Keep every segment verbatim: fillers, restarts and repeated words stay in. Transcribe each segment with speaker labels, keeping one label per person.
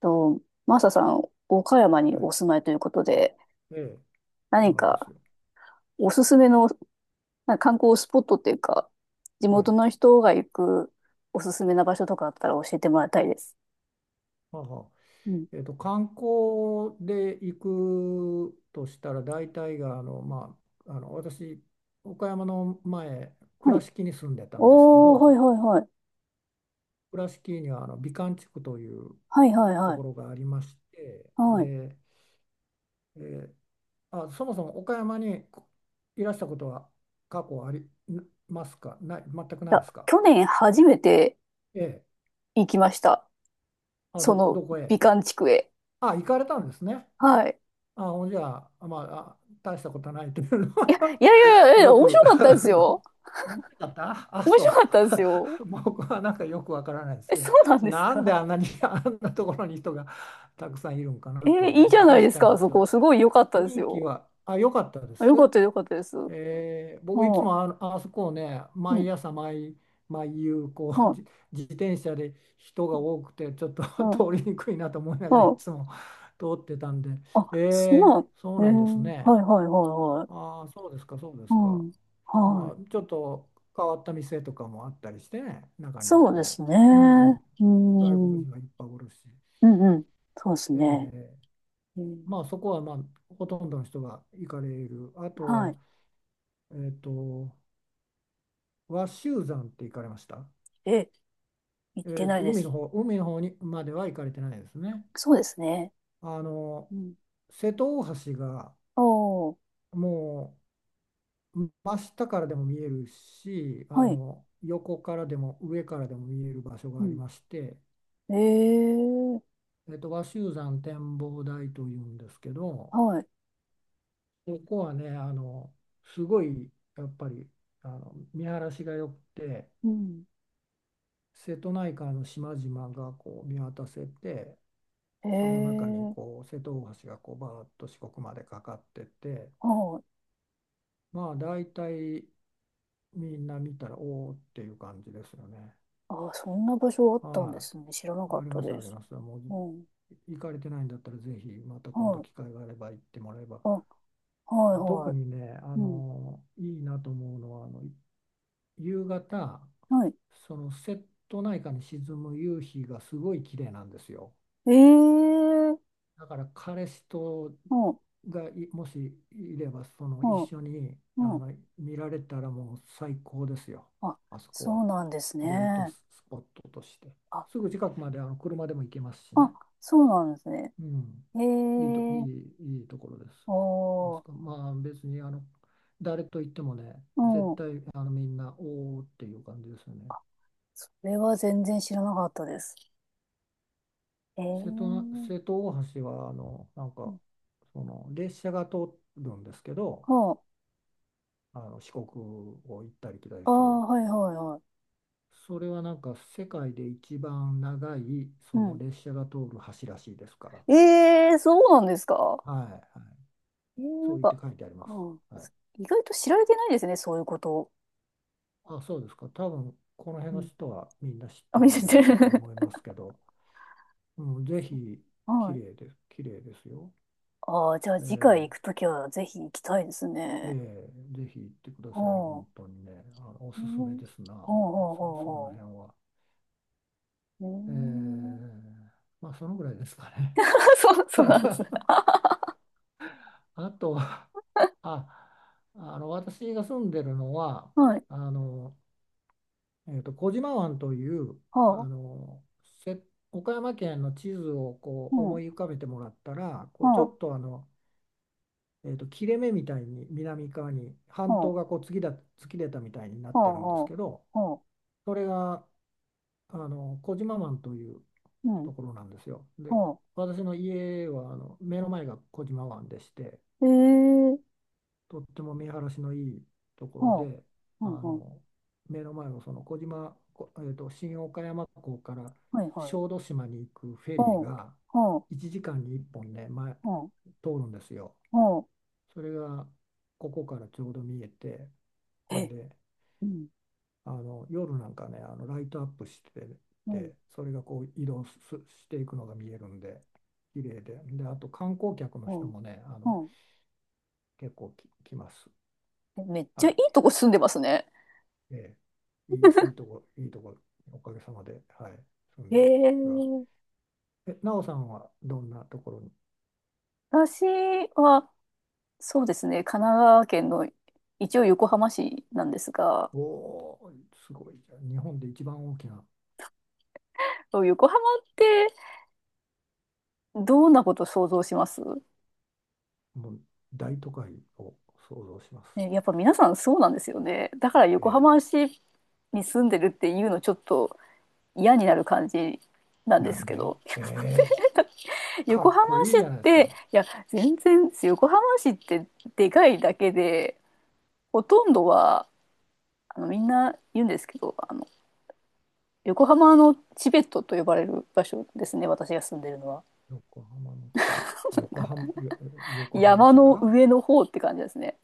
Speaker 1: と、マサさん、岡山に
Speaker 2: はい、
Speaker 1: お住まいということで、
Speaker 2: ええ、そう
Speaker 1: 何
Speaker 2: なんです
Speaker 1: か
Speaker 2: よ。
Speaker 1: おすすめのなんか観光スポットっていうか、地
Speaker 2: は
Speaker 1: 元
Speaker 2: い。
Speaker 1: の人が行くおすすめな場所とかあったら教えてもらいたいです。
Speaker 2: はあはあ。
Speaker 1: うん。
Speaker 2: えっと、観光で行くとしたら、大体が、あの、まあ、あの、私、岡山の前、
Speaker 1: は
Speaker 2: 倉
Speaker 1: い。
Speaker 2: 敷に住んでたんですけ
Speaker 1: おー、はい
Speaker 2: ど、
Speaker 1: はいはい。
Speaker 2: 倉敷には、あの、美観地区という
Speaker 1: はいはい
Speaker 2: と
Speaker 1: はい。
Speaker 2: ころがありまして、
Speaker 1: はい。い
Speaker 2: で、えーあ、そもそも岡山にこいらしたことは過去ありますか？ない、全くない
Speaker 1: や、
Speaker 2: ですか？
Speaker 1: 去年初めて
Speaker 2: ええ。
Speaker 1: 行きました。
Speaker 2: あ、
Speaker 1: そ
Speaker 2: ど、
Speaker 1: の
Speaker 2: どこへ？
Speaker 1: 美観地区へ。
Speaker 2: あ、行かれたんですね。
Speaker 1: はい。
Speaker 2: あ、ほんじゃあ、まあ、あ、大したことないというの
Speaker 1: いや、
Speaker 2: は
Speaker 1: いやいやい や、いや
Speaker 2: よ
Speaker 1: 面
Speaker 2: く
Speaker 1: 白かったですよ。
Speaker 2: 面白かった。あ、
Speaker 1: 面白か
Speaker 2: そ
Speaker 1: ったですよ。
Speaker 2: う。僕はなんかよくわからないです
Speaker 1: え、
Speaker 2: けど、
Speaker 1: そうなんです
Speaker 2: なんで
Speaker 1: か。
Speaker 2: あんなに あんなところに人がたくさんいるんか
Speaker 1: え
Speaker 2: な
Speaker 1: ー、
Speaker 2: とい
Speaker 1: い
Speaker 2: う。
Speaker 1: いじ
Speaker 2: まあ
Speaker 1: ゃないで
Speaker 2: 確
Speaker 1: す
Speaker 2: か
Speaker 1: か、あ
Speaker 2: に、
Speaker 1: そ
Speaker 2: ちょっ
Speaker 1: こ。すごい良かった
Speaker 2: と
Speaker 1: で
Speaker 2: 雰
Speaker 1: す
Speaker 2: 囲気
Speaker 1: よ。
Speaker 2: は、あ、良かったで
Speaker 1: あ、よかっ
Speaker 2: す。
Speaker 1: たよかったです。はい、
Speaker 2: えー僕いつも、あの、あそこをね、
Speaker 1: うん。
Speaker 2: 毎朝毎、毎夕こう
Speaker 1: は
Speaker 2: じ自転車で人が多くて、ちょっと
Speaker 1: い。う ん。
Speaker 2: 通りにくいなと思いながら、い
Speaker 1: はい。
Speaker 2: つも 通ってたんで。
Speaker 1: あ、そう
Speaker 2: え
Speaker 1: なん。
Speaker 2: ーそうなんです
Speaker 1: ええ、は
Speaker 2: ね。
Speaker 1: いはいはいはい。
Speaker 2: ああ、そうですか、そうで
Speaker 1: う
Speaker 2: すか。
Speaker 1: ん。は
Speaker 2: ま
Speaker 1: い。
Speaker 2: あちょっと変わった店とかもあったりしてね、中には
Speaker 1: そうで
Speaker 2: こ
Speaker 1: すね。
Speaker 2: う、うん、
Speaker 1: う
Speaker 2: 外国
Speaker 1: ん。うん
Speaker 2: 人がいっぱいおるし、
Speaker 1: うん。そうです
Speaker 2: え
Speaker 1: ね。
Speaker 2: ー
Speaker 1: うん、
Speaker 2: まあそこはまあほとんどの人が行かれる。あと
Speaker 1: は
Speaker 2: は、
Speaker 1: い。
Speaker 2: えっと和州山って行かれました？
Speaker 1: え、行
Speaker 2: え
Speaker 1: って
Speaker 2: ー
Speaker 1: な
Speaker 2: と、
Speaker 1: いで
Speaker 2: 海の
Speaker 1: す。
Speaker 2: 方、海の方にまでは行かれてないですね。
Speaker 1: そうですね。
Speaker 2: あの、
Speaker 1: うん。
Speaker 2: 瀬戸大橋が
Speaker 1: あ、は
Speaker 2: もう真下からでも見えるし、あ
Speaker 1: い。
Speaker 2: の、横からでも上からでも見える場所が
Speaker 1: う
Speaker 2: あり
Speaker 1: ん。
Speaker 2: まして、
Speaker 1: ええ、
Speaker 2: えーと、和州山展望台というんですけど、
Speaker 1: はい。
Speaker 2: ここはね、あの、すごいやっぱりあの見晴らしが良くて、
Speaker 1: うん。
Speaker 2: 瀬戸内海の島々がこう見渡せて、その中に
Speaker 1: ええ、
Speaker 2: こう瀬戸大橋がこうバーッと四国までかかってて、
Speaker 1: はい。
Speaker 2: まあ大体みんな見たら、おおっていう感じですよね。
Speaker 1: あ、そんな場所あったんで
Speaker 2: は
Speaker 1: すね。知らな
Speaker 2: い、
Speaker 1: か
Speaker 2: あ
Speaker 1: っ
Speaker 2: り
Speaker 1: た
Speaker 2: ます
Speaker 1: で
Speaker 2: あり
Speaker 1: す。
Speaker 2: ます。もう
Speaker 1: うん。
Speaker 2: 行かれてないんだったら、ぜひまた今
Speaker 1: は
Speaker 2: 度
Speaker 1: い。
Speaker 2: 機会があれば行ってもらえば。
Speaker 1: あ、はい
Speaker 2: あ、特
Speaker 1: は
Speaker 2: にね、あ
Speaker 1: い。うん。
Speaker 2: のいいなと思うのは、あの夕方、
Speaker 1: はい。
Speaker 2: その瀬戸内海に沈む夕日がすごい綺麗なんですよ。
Speaker 1: ええー。
Speaker 2: だから彼氏と
Speaker 1: うん。
Speaker 2: がいもしいれば、その
Speaker 1: う
Speaker 2: 一
Speaker 1: ん。
Speaker 2: 緒にあ
Speaker 1: うん。
Speaker 2: の見られたら、もう最高ですよ。
Speaker 1: あ、
Speaker 2: あそこ
Speaker 1: そう
Speaker 2: は、
Speaker 1: なんです
Speaker 2: デート
Speaker 1: ね。
Speaker 2: スポットとして、
Speaker 1: あ、
Speaker 2: すぐ近くまであの車でも行けますし
Speaker 1: あ、
Speaker 2: ね、
Speaker 1: そうなんですね。
Speaker 2: うん、
Speaker 1: ええ
Speaker 2: いいと、い
Speaker 1: ー。
Speaker 2: い、いいところです。あ
Speaker 1: お
Speaker 2: そ
Speaker 1: ー。
Speaker 2: こ、まあ別にあの誰と行ってもね、
Speaker 1: う
Speaker 2: 絶
Speaker 1: ん。
Speaker 2: 対あのみんなおーっていう感じですよね。
Speaker 1: それは全然知らなかったです。ええ
Speaker 2: 瀬戸な、瀬
Speaker 1: ー。
Speaker 2: 戸大橋はあのなんかその列車が通るんですけど、
Speaker 1: は
Speaker 2: あの四国を行ったり来たり
Speaker 1: あ。あ
Speaker 2: する。
Speaker 1: あ、はいはいは
Speaker 2: それはなんか、世界で一番長い
Speaker 1: い。
Speaker 2: そ
Speaker 1: う
Speaker 2: の
Speaker 1: ん。
Speaker 2: 列車が通る橋らしいですから。
Speaker 1: ええー、そうなんですか。
Speaker 2: はい、はい。
Speaker 1: えー、
Speaker 2: そ
Speaker 1: な
Speaker 2: う
Speaker 1: ん
Speaker 2: 言って
Speaker 1: か、
Speaker 2: 書いてあります。
Speaker 1: うん。
Speaker 2: はい。
Speaker 1: 意外と知られてないですね、そういうことを。
Speaker 2: あ、そうですか。多分この
Speaker 1: う
Speaker 2: 辺の
Speaker 1: ん。
Speaker 2: 人はみんな知っ
Speaker 1: あ、
Speaker 2: て
Speaker 1: 見
Speaker 2: るん
Speaker 1: せ
Speaker 2: じゃな
Speaker 1: て
Speaker 2: いかと
Speaker 1: る。
Speaker 2: 思いますけど、うん、ぜひ。 綺
Speaker 1: はい。
Speaker 2: 麗です。綺麗ですよ。
Speaker 1: ああ、じゃあ
Speaker 2: え
Speaker 1: 次回行
Speaker 2: え、
Speaker 1: くときはぜひ行きたいです
Speaker 2: え
Speaker 1: ね。
Speaker 2: え、ぜひ行ってくだ
Speaker 1: ほ
Speaker 2: さい。本当にね。あの、お
Speaker 1: う。う
Speaker 2: すすめ
Speaker 1: ん。
Speaker 2: ですな。
Speaker 1: ほう
Speaker 2: あ、
Speaker 1: ほう
Speaker 2: そう、
Speaker 1: ほう
Speaker 2: その
Speaker 1: ほ
Speaker 2: 辺は。
Speaker 1: う。う
Speaker 2: ええ、
Speaker 1: ん。
Speaker 2: まあそのぐらいですかね。
Speaker 1: そう、そうなんですね。
Speaker 2: あとは、あ、あの私が住んでるのは、
Speaker 1: はい。
Speaker 2: あの、えーと、小島湾という、あ
Speaker 1: ほう。
Speaker 2: のせ岡山県の地図をこ
Speaker 1: う
Speaker 2: う思
Speaker 1: ん。
Speaker 2: い浮かべてもらったら、こうち
Speaker 1: ほ
Speaker 2: ょ
Speaker 1: う。
Speaker 2: っと、あの、えーと、切れ目みたいに南側に半
Speaker 1: ほ
Speaker 2: 島が
Speaker 1: う。
Speaker 2: こう突きだ、突き出たみたいにな
Speaker 1: ほ
Speaker 2: って
Speaker 1: う
Speaker 2: るんで
Speaker 1: ほ
Speaker 2: す
Speaker 1: う。
Speaker 2: けど、
Speaker 1: ほ
Speaker 2: それがあの小島湾という
Speaker 1: う。うん。
Speaker 2: ところなんですよ。で、
Speaker 1: ほ
Speaker 2: 私の家はあの目の前が小島湾でして、
Speaker 1: う。えー。
Speaker 2: とっても見晴らしのいいところ
Speaker 1: ほう。
Speaker 2: で、
Speaker 1: はい
Speaker 2: あ
Speaker 1: はい。
Speaker 2: の目の前を、その小島、こえーと、新岡山港から
Speaker 1: はいはい。
Speaker 2: 小豆島に行くフェリー
Speaker 1: ほう。
Speaker 2: が
Speaker 1: ほう。
Speaker 2: いちじかんにいっぽんね、前、
Speaker 1: ほう。
Speaker 2: 通るんですよ。
Speaker 1: ほう。
Speaker 2: それがここからちょうど見えて、ん
Speaker 1: え。
Speaker 2: で、
Speaker 1: うん。
Speaker 2: あの夜なんかね、あのライトアップして
Speaker 1: うん。
Speaker 2: て、それがこう移動すしていくのが見えるんで、綺麗で、で、あと観光客の人
Speaker 1: ほう。
Speaker 2: もね、あの
Speaker 1: ほう。
Speaker 2: 結構き来ます。
Speaker 1: え、めっち
Speaker 2: は
Speaker 1: ゃいい
Speaker 2: い、
Speaker 1: とこ住んでますね。
Speaker 2: ええ、いい、いいとこ、いいとこ、おかげさまで、はい、住ん
Speaker 1: え
Speaker 2: でますが、
Speaker 1: ー。
Speaker 2: え、なおさんはどんなところに？
Speaker 1: 私は、そうですね、神奈川県の一応横浜市なんですが、
Speaker 2: おお、すごい。じゃあ日本で一番大きな、
Speaker 1: そう、横浜ってどんなこと想像します？
Speaker 2: もう大都会を想像します。
Speaker 1: ね、やっぱ皆さんそうなんですよね。だから横浜
Speaker 2: え
Speaker 1: 市に住んでるっていうのちょっと嫌になる感じなん
Speaker 2: え、
Speaker 1: で
Speaker 2: な
Speaker 1: す
Speaker 2: ん
Speaker 1: け
Speaker 2: で？
Speaker 1: ど。
Speaker 2: ええ、か
Speaker 1: 横
Speaker 2: っ
Speaker 1: 浜
Speaker 2: こいい
Speaker 1: 市っ
Speaker 2: じゃないです
Speaker 1: て、
Speaker 2: か。
Speaker 1: いや、全然、横浜市ってでかいだけで、ほとんどは、あの、みんな言うんですけど、あの、横浜のチベットと呼ばれる場所ですね、私が住んでるのは。
Speaker 2: 横浜の地べ、横
Speaker 1: が
Speaker 2: 浜、よ横浜
Speaker 1: 山
Speaker 2: 市
Speaker 1: の
Speaker 2: が。
Speaker 1: 上の方って感じですね。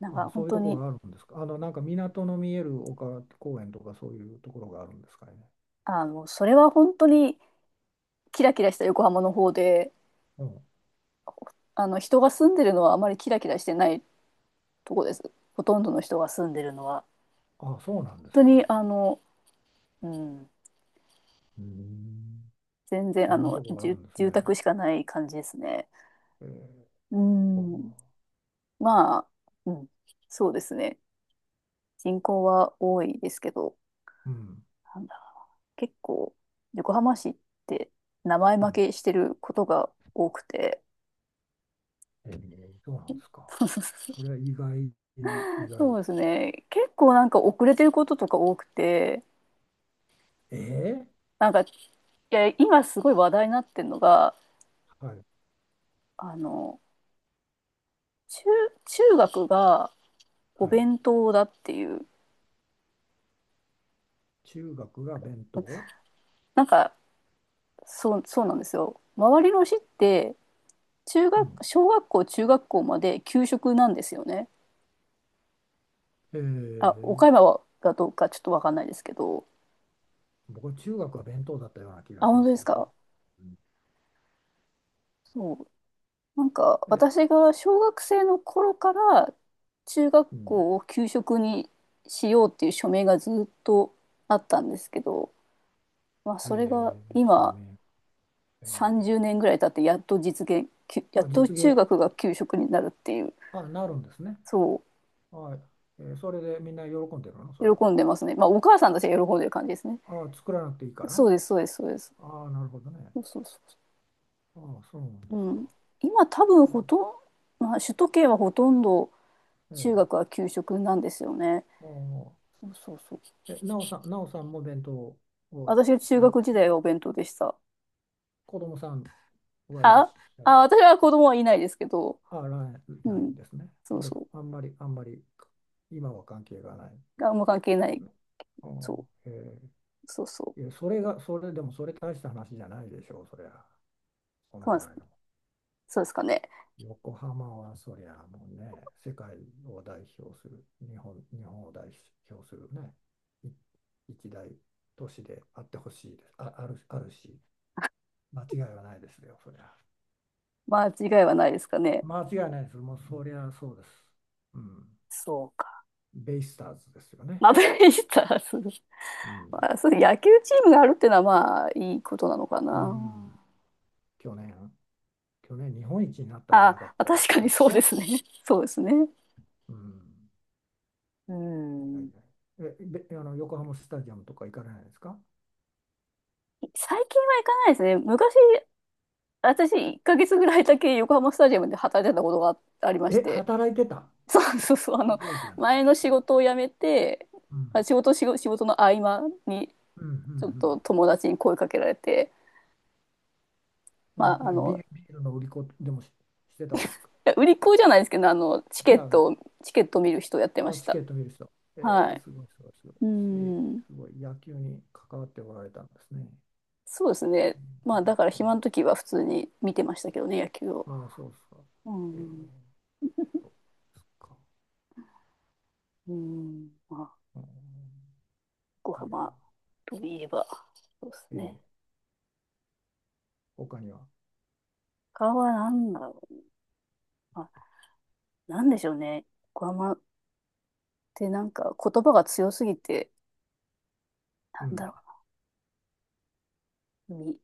Speaker 1: なん
Speaker 2: あ、
Speaker 1: か
Speaker 2: そ
Speaker 1: 本
Speaker 2: ういう
Speaker 1: 当
Speaker 2: ところ
Speaker 1: に、
Speaker 2: があるんですか。あの、なんか、港の見える丘公園とかそういうところがあるんですかね。
Speaker 1: あの、それは本当にキラキラした横浜の方で、
Speaker 2: うん。
Speaker 1: あの人が住んでるのはあまりキラキラしてないとこです。ほとんどの人が住んでるのは
Speaker 2: あ、そうなん
Speaker 1: 本
Speaker 2: です
Speaker 1: 当に
Speaker 2: か。
Speaker 1: あの、うん、
Speaker 2: うーん
Speaker 1: 全然あ
Speaker 2: そんな
Speaker 1: の
Speaker 2: とこがある
Speaker 1: 住
Speaker 2: んですね。
Speaker 1: 住宅しかない感じですね。
Speaker 2: えー、
Speaker 1: う
Speaker 2: そ
Speaker 1: ん。まあ、うん、そうですね。人口は多いですけど、
Speaker 2: う。うん、
Speaker 1: なんだ、結構横浜市って名前
Speaker 2: う
Speaker 1: 負
Speaker 2: ん。
Speaker 1: けしてることが多くて。
Speaker 2: えー、そうなんですか。そ れは意外、意
Speaker 1: そう
Speaker 2: 外。
Speaker 1: ですね。結構なんか遅れてることとか多くて。
Speaker 2: え
Speaker 1: なんか、いや、今すごい話題になってるのが、
Speaker 2: ー、はい、
Speaker 1: あの、中、中学がお
Speaker 2: はい。
Speaker 1: 弁当だっていう、
Speaker 2: 中学が弁当？
Speaker 1: なんか、そう、そうなんですよ。周りの市って、中
Speaker 2: うん。
Speaker 1: 学、小学校、中学校まで給食なんですよね。
Speaker 2: え
Speaker 1: あ、岡
Speaker 2: ー、
Speaker 1: 山はがどうかちょっとわかんないですけど。
Speaker 2: 僕は中学は弁当だったような気
Speaker 1: あ、
Speaker 2: がし
Speaker 1: 本
Speaker 2: ま
Speaker 1: 当で
Speaker 2: す
Speaker 1: す
Speaker 2: よ。
Speaker 1: か。
Speaker 2: うん。
Speaker 1: そう。なんか、
Speaker 2: え、
Speaker 1: 私が小学生の頃から中学
Speaker 2: うん。
Speaker 1: 校を給食にしようっていう署名がずっとあったんですけど、まあ、それが
Speaker 2: えー、証
Speaker 1: 今、
Speaker 2: 明。え
Speaker 1: さんじゅうねんぐらい経って、やっと実現
Speaker 2: ー、
Speaker 1: やっ
Speaker 2: あ、
Speaker 1: と
Speaker 2: 実
Speaker 1: 中
Speaker 2: 現。
Speaker 1: 学が給食になるっていう、
Speaker 2: あ、なるんですね。
Speaker 1: そ
Speaker 2: はい。えー、それでみんな喜んでるの、それ
Speaker 1: う、
Speaker 2: は？
Speaker 1: 喜んでますね。まあ、お母さんたちが喜んでる感じですね。
Speaker 2: あ、作らなくていいか
Speaker 1: そ
Speaker 2: ら。
Speaker 1: うです、そうです、そうです。
Speaker 2: あ、なるほどね。
Speaker 1: そう、そう、そ
Speaker 2: あ、そうなんで
Speaker 1: う、
Speaker 2: す
Speaker 1: う
Speaker 2: か。
Speaker 1: ん、今多分
Speaker 2: う
Speaker 1: ほ
Speaker 2: ん。
Speaker 1: とんど、まあ、首都圏はほとんど
Speaker 2: え
Speaker 1: 中
Speaker 2: え、
Speaker 1: 学は給食なんですよね。
Speaker 2: ああ。
Speaker 1: そう、そう、そう。
Speaker 2: え、なおさん、なおさんも弁当を、
Speaker 1: 私は
Speaker 2: あ
Speaker 1: 中
Speaker 2: の、
Speaker 1: 学時代はお弁当でした。
Speaker 2: 子供さんはいらっ
Speaker 1: あ
Speaker 2: しゃ
Speaker 1: あ、
Speaker 2: ら、
Speaker 1: 私は子供はいないですけど。
Speaker 2: あ、ら
Speaker 1: う
Speaker 2: ない
Speaker 1: ん。
Speaker 2: んですね。ほ
Speaker 1: そ
Speaker 2: ん
Speaker 1: う、
Speaker 2: で、
Speaker 1: そ
Speaker 2: あんまり、あんまり、今は関係がないんで
Speaker 1: う、あんま関係ない。
Speaker 2: すね。ああ、
Speaker 1: そう、
Speaker 2: へえ、
Speaker 1: そう、そ
Speaker 2: いや、
Speaker 1: う。
Speaker 2: それが、それでも、それ、大した話じゃないでしょう、そりゃ。その
Speaker 1: そうなん
Speaker 2: ぐ
Speaker 1: です。
Speaker 2: らいの。
Speaker 1: そうですかね。
Speaker 2: 横浜は、そりゃ、もうね、世界を代表する、日本、日本を代表するね、い一大都市であってほしいです。あ、ある、あるし。間違いはないですよ、そりゃ。
Speaker 1: 間違いはないですかね。
Speaker 2: 間違いないです。もうそりゃそうです。うん。
Speaker 1: そうか。
Speaker 2: ベイスターズですよね。
Speaker 1: マブレスターズ。
Speaker 2: うん。
Speaker 1: まあ、そうです。野球チームがあるっていうのはまあいいことなのか
Speaker 2: う
Speaker 1: な。
Speaker 2: ん。去年、去年日本一になったんじゃ
Speaker 1: あ、
Speaker 2: なかっ
Speaker 1: あ
Speaker 2: たで
Speaker 1: 確
Speaker 2: し
Speaker 1: か
Speaker 2: た
Speaker 1: に
Speaker 2: っ
Speaker 1: そう
Speaker 2: け？
Speaker 1: ですね。そうですね。
Speaker 2: うん。
Speaker 1: う
Speaker 2: いや
Speaker 1: ん。
Speaker 2: いや。え、べ、あの、横浜スタジアムとか行かれないですか？
Speaker 1: 最近は行かないですね。昔、私いっかげつぐらいだけ横浜スタジアムで働いてたことがありまし
Speaker 2: え、
Speaker 1: て。
Speaker 2: 働いてた？
Speaker 1: そう、そう、そう。あ
Speaker 2: す
Speaker 1: の、
Speaker 2: ごいじゃないで
Speaker 1: 前
Speaker 2: す
Speaker 1: の仕
Speaker 2: か。
Speaker 1: 事を辞めて、
Speaker 2: う
Speaker 1: まあ、
Speaker 2: ん。
Speaker 1: 仕事、仕事、仕事の合間に
Speaker 2: うん、う
Speaker 1: ちょっ
Speaker 2: ん、
Speaker 1: と友達に声かけられて、
Speaker 2: う
Speaker 1: ま
Speaker 2: ん。
Speaker 1: ああ
Speaker 2: なビー
Speaker 1: の、
Speaker 2: ルビールの売り子で、もし、してたんですか？
Speaker 1: いや、売り子じゃないですけど、あの、チケ
Speaker 2: 違
Speaker 1: ッ
Speaker 2: う。
Speaker 1: トを、チケットを見る人をやってま
Speaker 2: あ、
Speaker 1: し
Speaker 2: チケ
Speaker 1: た。
Speaker 2: ット見る人。え
Speaker 1: は
Speaker 2: ー、
Speaker 1: い。
Speaker 2: すごい、すごい、すごい。
Speaker 1: う
Speaker 2: し
Speaker 1: ん。
Speaker 2: すごい、野球に関わっておられたんですね。
Speaker 1: そうです
Speaker 2: え
Speaker 1: ね。まあ、
Speaker 2: ー
Speaker 1: だから
Speaker 2: そう。
Speaker 1: 暇の時は普通に見てましたけどね、野球を。
Speaker 2: ああ、そうですか。
Speaker 1: う
Speaker 2: えー、
Speaker 1: ん。
Speaker 2: そうですか。
Speaker 1: うん。まあ、
Speaker 2: うん、
Speaker 1: 横
Speaker 2: いや、
Speaker 1: 浜といえば、そうです
Speaker 2: えー、
Speaker 1: ね。
Speaker 2: 他には？
Speaker 1: 他は何だろう。まあ、なんでしょうね。横浜ってなんか言葉が強すぎて、
Speaker 2: う
Speaker 1: なんだ
Speaker 2: ん。
Speaker 1: ろう。み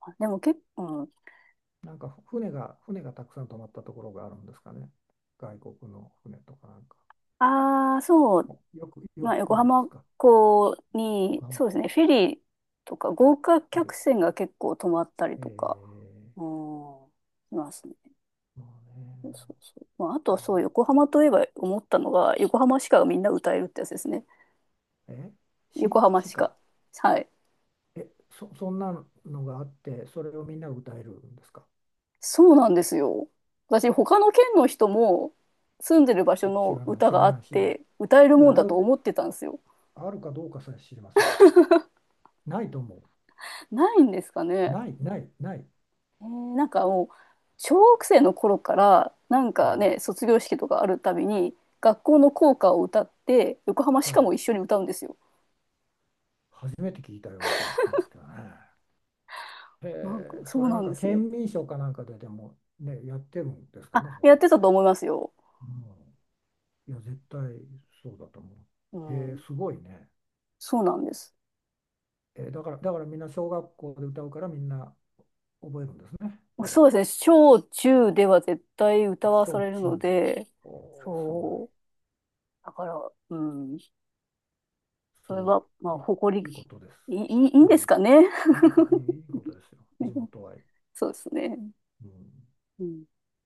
Speaker 1: あでも結構、うん、
Speaker 2: なんか船が、船がたくさん泊まったところがあるんですかね。外国の船とかなんか。
Speaker 1: ああ、そう。
Speaker 2: およく、よ
Speaker 1: まあ、
Speaker 2: く来
Speaker 1: 横
Speaker 2: るんです
Speaker 1: 浜
Speaker 2: か？
Speaker 1: 港に、
Speaker 2: 横浜
Speaker 1: そうで
Speaker 2: 港
Speaker 1: す
Speaker 2: で
Speaker 1: ね、フェ
Speaker 2: す。
Speaker 1: リーとか豪華客船が結構止まったり
Speaker 2: えー、
Speaker 1: とか、う
Speaker 2: え
Speaker 1: ん、しますね。
Speaker 2: ー、まあね、
Speaker 1: そう、そう。まあ、あと
Speaker 2: こ
Speaker 1: は
Speaker 2: れ
Speaker 1: そう、
Speaker 2: は。
Speaker 1: 横浜といえば思ったのが、横浜しかみんな歌えるってやつですね。
Speaker 2: え、し、
Speaker 1: 横浜し
Speaker 2: 鹿。
Speaker 1: か。はい。
Speaker 2: え、そ、そんなのがあって、それをみんなが歌えるんですか？
Speaker 1: そうなんですよ。私、他の県の人も住んでる場所
Speaker 2: し、知
Speaker 1: の
Speaker 2: らない、
Speaker 1: 歌
Speaker 2: 知
Speaker 1: が
Speaker 2: ら
Speaker 1: あ
Speaker 2: な
Speaker 1: っ
Speaker 2: い、知らない。
Speaker 1: て、歌える
Speaker 2: い
Speaker 1: もん
Speaker 2: や、あ
Speaker 1: だと
Speaker 2: る、
Speaker 1: 思ってたんですよ。
Speaker 2: あるかどうかさえ知りません。ないと思
Speaker 1: ないんですか
Speaker 2: う。
Speaker 1: ね。
Speaker 2: ない、ない、ない。
Speaker 1: えーなんかもう、小学生の頃から、なん
Speaker 2: う
Speaker 1: か
Speaker 2: ん。
Speaker 1: ね、卒業式とかあるたびに、学校の校歌を歌って、横浜し
Speaker 2: は
Speaker 1: か
Speaker 2: い。
Speaker 1: も一緒に歌うんですよ。
Speaker 2: 初めて聞いたような気がしますけどね。へ
Speaker 1: なんか、
Speaker 2: え、
Speaker 1: そ
Speaker 2: そ
Speaker 1: う
Speaker 2: れな
Speaker 1: な
Speaker 2: ん
Speaker 1: んで
Speaker 2: か、
Speaker 1: すよ。
Speaker 2: 県民賞かなんかででもね、やってるんですか
Speaker 1: あ、
Speaker 2: ね、そう
Speaker 1: や
Speaker 2: い
Speaker 1: っ
Speaker 2: う。
Speaker 1: てたと思いますよ。
Speaker 2: うん。いや、絶対そうだと思
Speaker 1: う
Speaker 2: う。へえ、
Speaker 1: ん。
Speaker 2: すごいね。
Speaker 1: そうなんです。
Speaker 2: え、だから、だからみんな小学校で歌うから、みんな覚えるんですね。それは。
Speaker 1: そうですね。小中では絶対歌
Speaker 2: あ、
Speaker 1: わさ
Speaker 2: 小
Speaker 1: れるの
Speaker 2: 中で。
Speaker 1: で、
Speaker 2: おー、すごい。
Speaker 1: そう。だから、うん。
Speaker 2: す
Speaker 1: それ
Speaker 2: ごい。
Speaker 1: は、ま
Speaker 2: い
Speaker 1: あ、
Speaker 2: い、
Speaker 1: 誇
Speaker 2: いいことです。
Speaker 1: り、いい、いい
Speaker 2: う
Speaker 1: ん
Speaker 2: ん。
Speaker 1: ですかね。
Speaker 2: いいこと、いいいいことですよ。地 元愛。
Speaker 1: そうですね。
Speaker 2: うん。
Speaker 1: うん